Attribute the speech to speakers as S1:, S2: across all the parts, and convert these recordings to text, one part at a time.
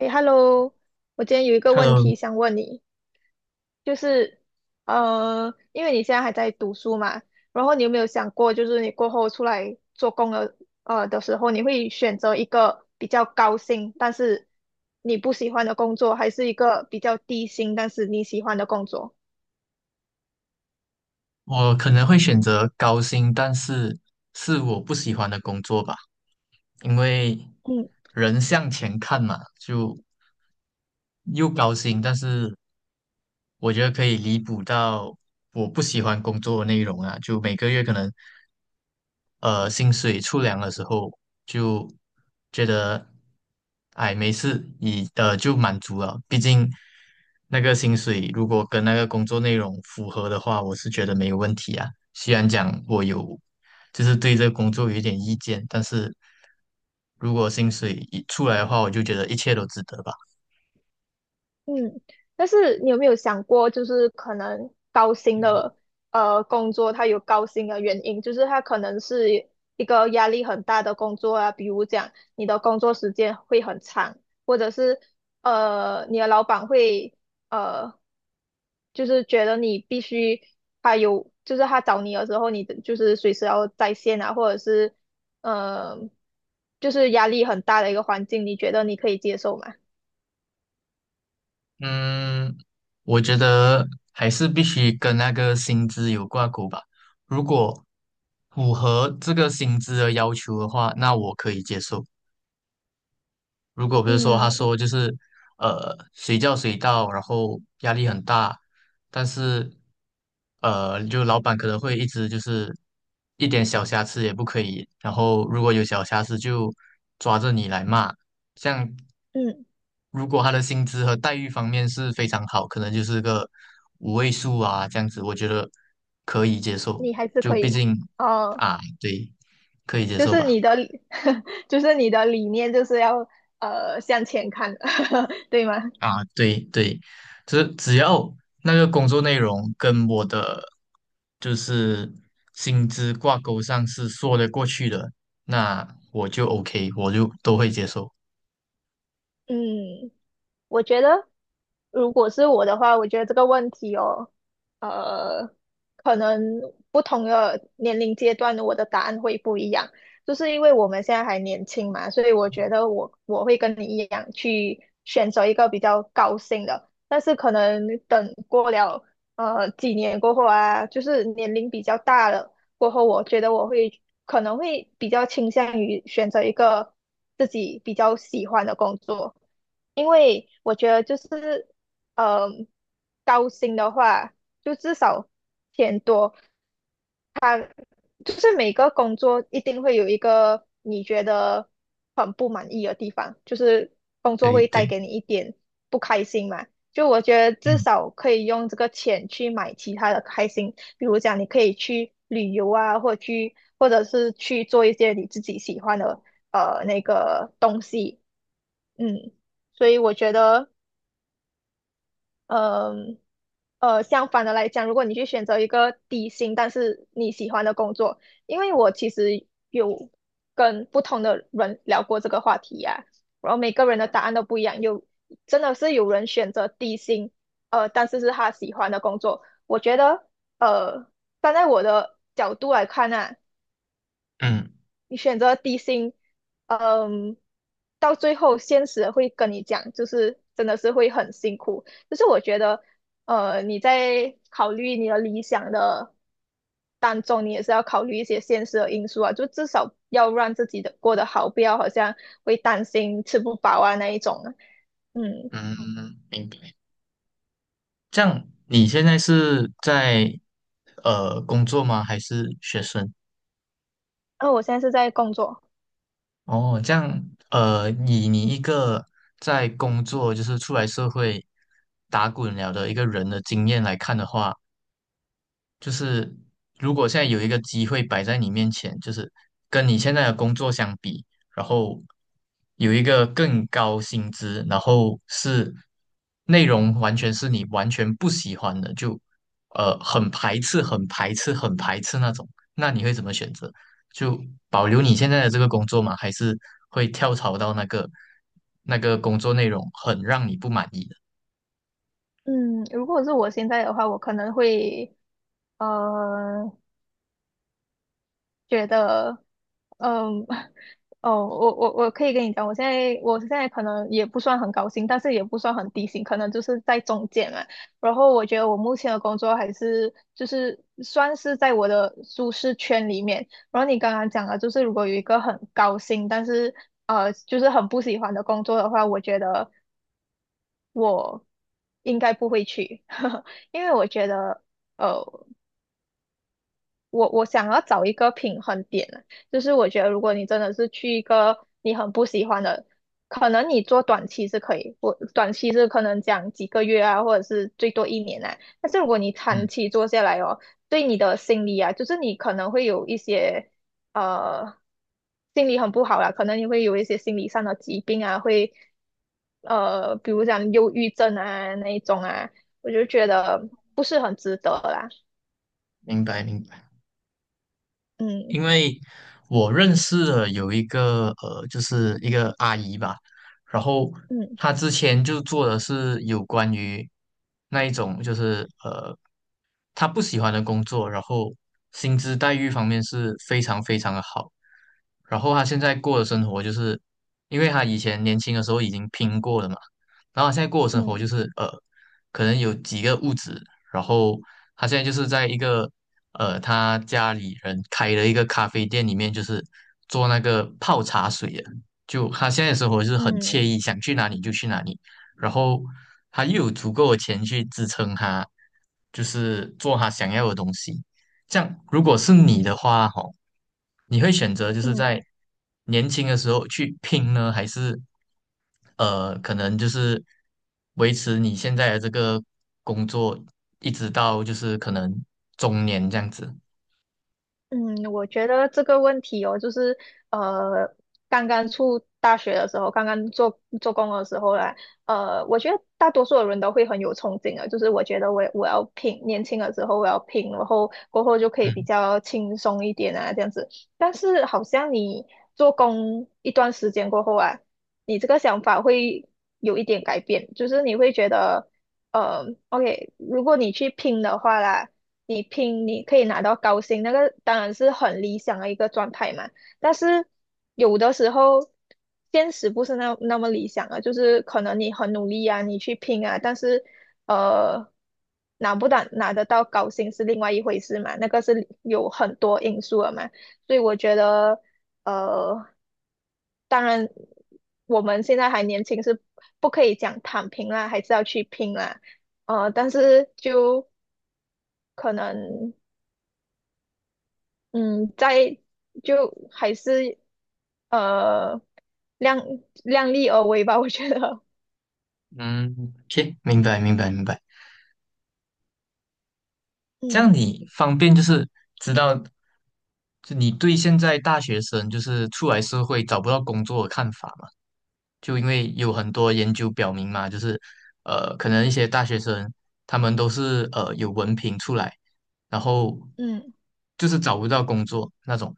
S1: 诶 h e l l o 我今天有一个问
S2: Hello，
S1: 题想问你，就是，因为你现在还在读书嘛，然后你有没有想过，就是你过后出来做工了，时候，你会选择一个比较高薪，但是你不喜欢的工作，还是一个比较低薪，但是你喜欢的工作？
S2: 我可能会选择高薪，但是是我不喜欢的工作吧。因为
S1: 嗯。
S2: 人向前看嘛，又高薪，但是我觉得可以弥补到我不喜欢工作的内容啊，就每个月可能薪水出粮的时候，就觉得哎没事，你就满足了，毕竟那个薪水如果跟那个工作内容符合的话，我是觉得没有问题啊。虽然讲我有就是对这个工作有一点意见，但是如果薪水一出来的话，我就觉得一切都值得吧。
S1: 嗯，但是你有没有想过，就是可能高薪的工作，它有高薪的原因，就是它可能是一个压力很大的工作啊，比如讲你的工作时间会很长，或者是你的老板会呃就是觉得你必须他有，就是他找你的时候，你的就是随时要在线啊，或者是呃就是压力很大的一个环境，你觉得你可以接受吗？
S2: 嗯，我觉得还是必须跟那个薪资有挂钩吧。如果符合这个薪资的要求的话，那我可以接受；如果比如说他
S1: 嗯
S2: 说就是随叫随到，然后压力很大，但是就老板可能会一直就是一点小瑕疵也不可以，然后如果有小瑕疵就抓着你来骂。像
S1: 嗯。
S2: 如果他的薪资和待遇方面是非常好，可能就是个五位数啊这样子，我觉得可以接受。
S1: 你还是
S2: 就
S1: 可
S2: 毕
S1: 以，
S2: 竟
S1: 呃，
S2: 啊，对，可以接
S1: 就
S2: 受
S1: 是
S2: 吧。
S1: 你的 就是你的理念就是要向前看，对吗？
S2: 啊，对对，只要那个工作内容跟我的就是薪资挂钩上是说得过去的，那我就 OK，我就都会接受。
S1: 嗯，我觉得，如果是我的话，我觉得这个问题哦，呃，可能不同的年龄阶段，我的答案会不一样。就是因为我们现在还年轻嘛，所以我觉得我会跟你一样去选择一个比较高兴的。但是可能等过了几年过后啊，就是年龄比较大了，过后，我觉得我会可能会比较倾向于选择一个自己比较喜欢的工作，因为我觉得就是，嗯、高薪的话，就至少钱多，就是每个工作一定会有一个你觉得很不满意的地方，就是工作
S2: 对
S1: 会
S2: 对，
S1: 带给你一点不开心嘛。就我觉得至
S2: 嗯
S1: 少可以用这个钱去买其他的开心，比如讲你可以去旅游啊，或者去或者是去做一些你自己喜欢的那个东西，嗯，所以我觉得。嗯相反的来讲，如果你去选择一个低薪但是你喜欢的工作，因为我其实有跟不同的人聊过这个话题呀、然后每个人的答案都不一样，有真的是有人选择低薪，但是是他喜欢的工作。我觉得，呃，站在我的角度来看啊。
S2: 嗯
S1: 你选择低薪，嗯，到最后现实会跟你讲，就是真的是会很辛苦。就是我觉得，你在考虑你的理想的当中，你也是要考虑一些现实的因素啊，就至少要让自己的过得好，不要好像会担心吃不饱啊那一种啊嗯，
S2: 嗯，明白。这样你现在是在工作吗？还是学生？
S1: 那我现在是在工作。
S2: 哦，这样，以你一个在工作就是出来社会打滚了的一个人的经验来看的话。就是如果现在有一个机会摆在你面前，就是跟你现在的工作相比，然后有一个更高薪资，然后是内容完全是你完全不喜欢的，就很排斥、很排斥、很排斥那种，那你会怎么选择？就保留你现在的这个工作吗？还是会跳槽到那个工作内容很让你不满意的？
S1: 嗯，如果是我现在的话，我可能会，呃，觉得，嗯，哦，我可以跟你讲，我现在可能也不算很高薪，但是也不算很低薪，可能就是在中间嘛。然后我觉得我目前的工作还是就是算是在我的舒适圈里面。然后你刚刚讲了，就是如果有一个很高薪，但是就是很不喜欢的工作的话，我觉得我应该不会去，因为我觉得。呃。我想要找一个平衡点啊，就是我觉得如果你真的是去一个你很不喜欢的，可能你做短期是可以，我短期是可能讲几个月啊，或者是最多一年啊。但是如果你长
S2: 嗯，
S1: 期做下来哦，对你的心理啊，就是你可能会有一些呃心理很不好啦，可能你会有一些心理上的疾病啊，会比如讲忧郁症啊那一种啊，我就觉得不是很值得啦。
S2: 明白明白。
S1: 嗯
S2: 因为我认识的有一个，就是一个阿姨吧，然后
S1: 嗯
S2: 她之前就做的是有关于那一种就是他不喜欢的工作，然后薪资待遇方面是非常非常的好。然后他现在过的生活就是，因为他以前年轻的时候已经拼过了嘛，然后他现在过的生活就
S1: 嗯。
S2: 是，可能有几个物质，然后他现在就是在一个他家里人开的一个咖啡店里面，就是做那个泡茶水的，就他现在的生活就是很惬
S1: 嗯
S2: 意，想去哪里就去哪里。然后他又有足够的钱去支撑他，就是做他想要的东西。这样，如果是你的话，吼，你会选择就是
S1: 嗯
S2: 在年轻的时候去拼呢，还是，可能就是维持你现在的这个工作，一直到就是可能中年这样子？
S1: 嗯，我觉得这个问题哦，就是呃，刚刚出大学的时候，刚刚做做工的时候啦，我觉得大多数的人都会很有憧憬啊，就是我觉得我要拼，年轻的时候我要拼，然后过后就可以比
S2: 嗯
S1: 较轻松一点啊，这样子。但是好像你做工一段时间过后啊，你这个想法会有一点改变，就是你会觉得，OK，如果你去拼的话啦。你拼你可以拿到高薪，那个当然是很理想的一个状态嘛。但是有的时候现实不是那么理想啊，就是可能你很努力啊，你去拼啊，但是呃拿不到拿得到高薪是另外一回事嘛，那个是有很多因素的嘛。所以我觉得呃，当然我们现在还年轻，是不可以讲躺平啦，还是要去拼啦。但是就可能。嗯，在就还是呃量量力而为吧，我觉得，
S2: 嗯行，明白明白明白。这样
S1: 嗯
S2: 你方便就是知道，就你对现在大学生就是出来社会找不到工作的看法嘛？就因为有很多研究表明嘛，就是呃，可能一些大学生他们都是有文凭出来，然后
S1: 嗯
S2: 就是找不到工作那种，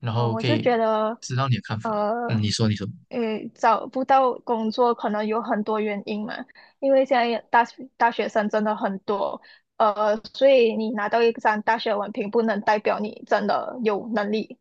S2: 然
S1: 哦，
S2: 后
S1: 我
S2: 可
S1: 是
S2: 以
S1: 觉得，
S2: 知道你的看法。
S1: 呃，
S2: 嗯，你说，你说。
S1: 诶，找不到工作可能有很多原因嘛，因为现在大学生真的很多，所以你拿到一张大学文凭不能代表你真的有能力，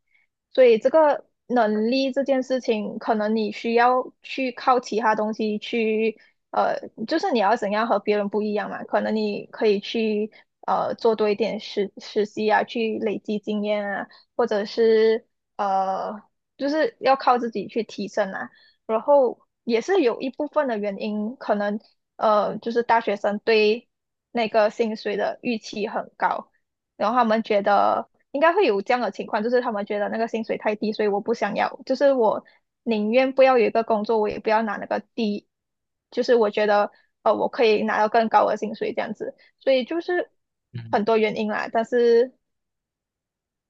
S1: 所以这个能力这件事情，可能你需要去靠其他东西去，呃，就是你要怎样和别人不一样嘛，可能你可以去。做多一点实习啊，去累积经验啊，或者是呃，就是要靠自己去提升啦。然后也是有一部分的原因，可能就是大学生对那个薪水的预期很高，然后他们觉得应该会有这样的情况，就是他们觉得那个薪水太低，所以我不想要，就是我宁愿不要有一个工作，我也不要拿那个低，就是我觉得我可以拿到更高的薪水这样子，所以就是
S2: 嗯。
S1: 很多原因啦，但是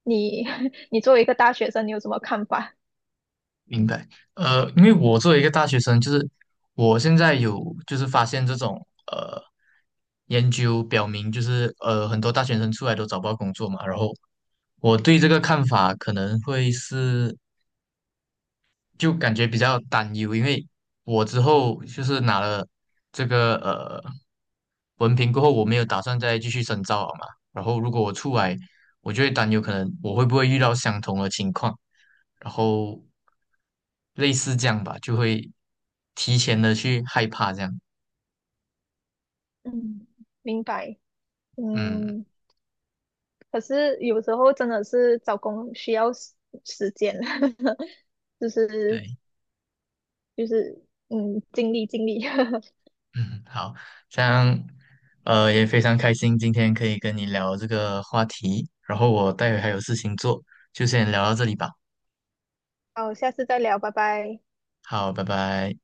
S1: 你 你作为一个大学生，你有什么看法？
S2: 明白，呃，因为我作为一个大学生，就是我现在有就是发现这种呃研究表明，就是呃很多大学生出来都找不到工作嘛，然后我对这个看法可能会是就感觉比较担忧，因为我之后就是拿了这个文凭过后，我没有打算再继续深造了嘛。然后如果我出来，我就会担忧，可能我会不会遇到相同的情况，然后类似这样吧，就会提前的去害怕这样。
S1: 嗯，明白，
S2: 嗯，
S1: 嗯，可是有时候真的是找工需要时间，就是
S2: 对，
S1: 就是嗯，尽力尽力，
S2: 嗯，好，这样也非常开心今天可以跟你聊这个话题，然后我待会还有事情做，就先聊到这里吧。
S1: 好，下次再聊，拜拜。
S2: 好，拜拜。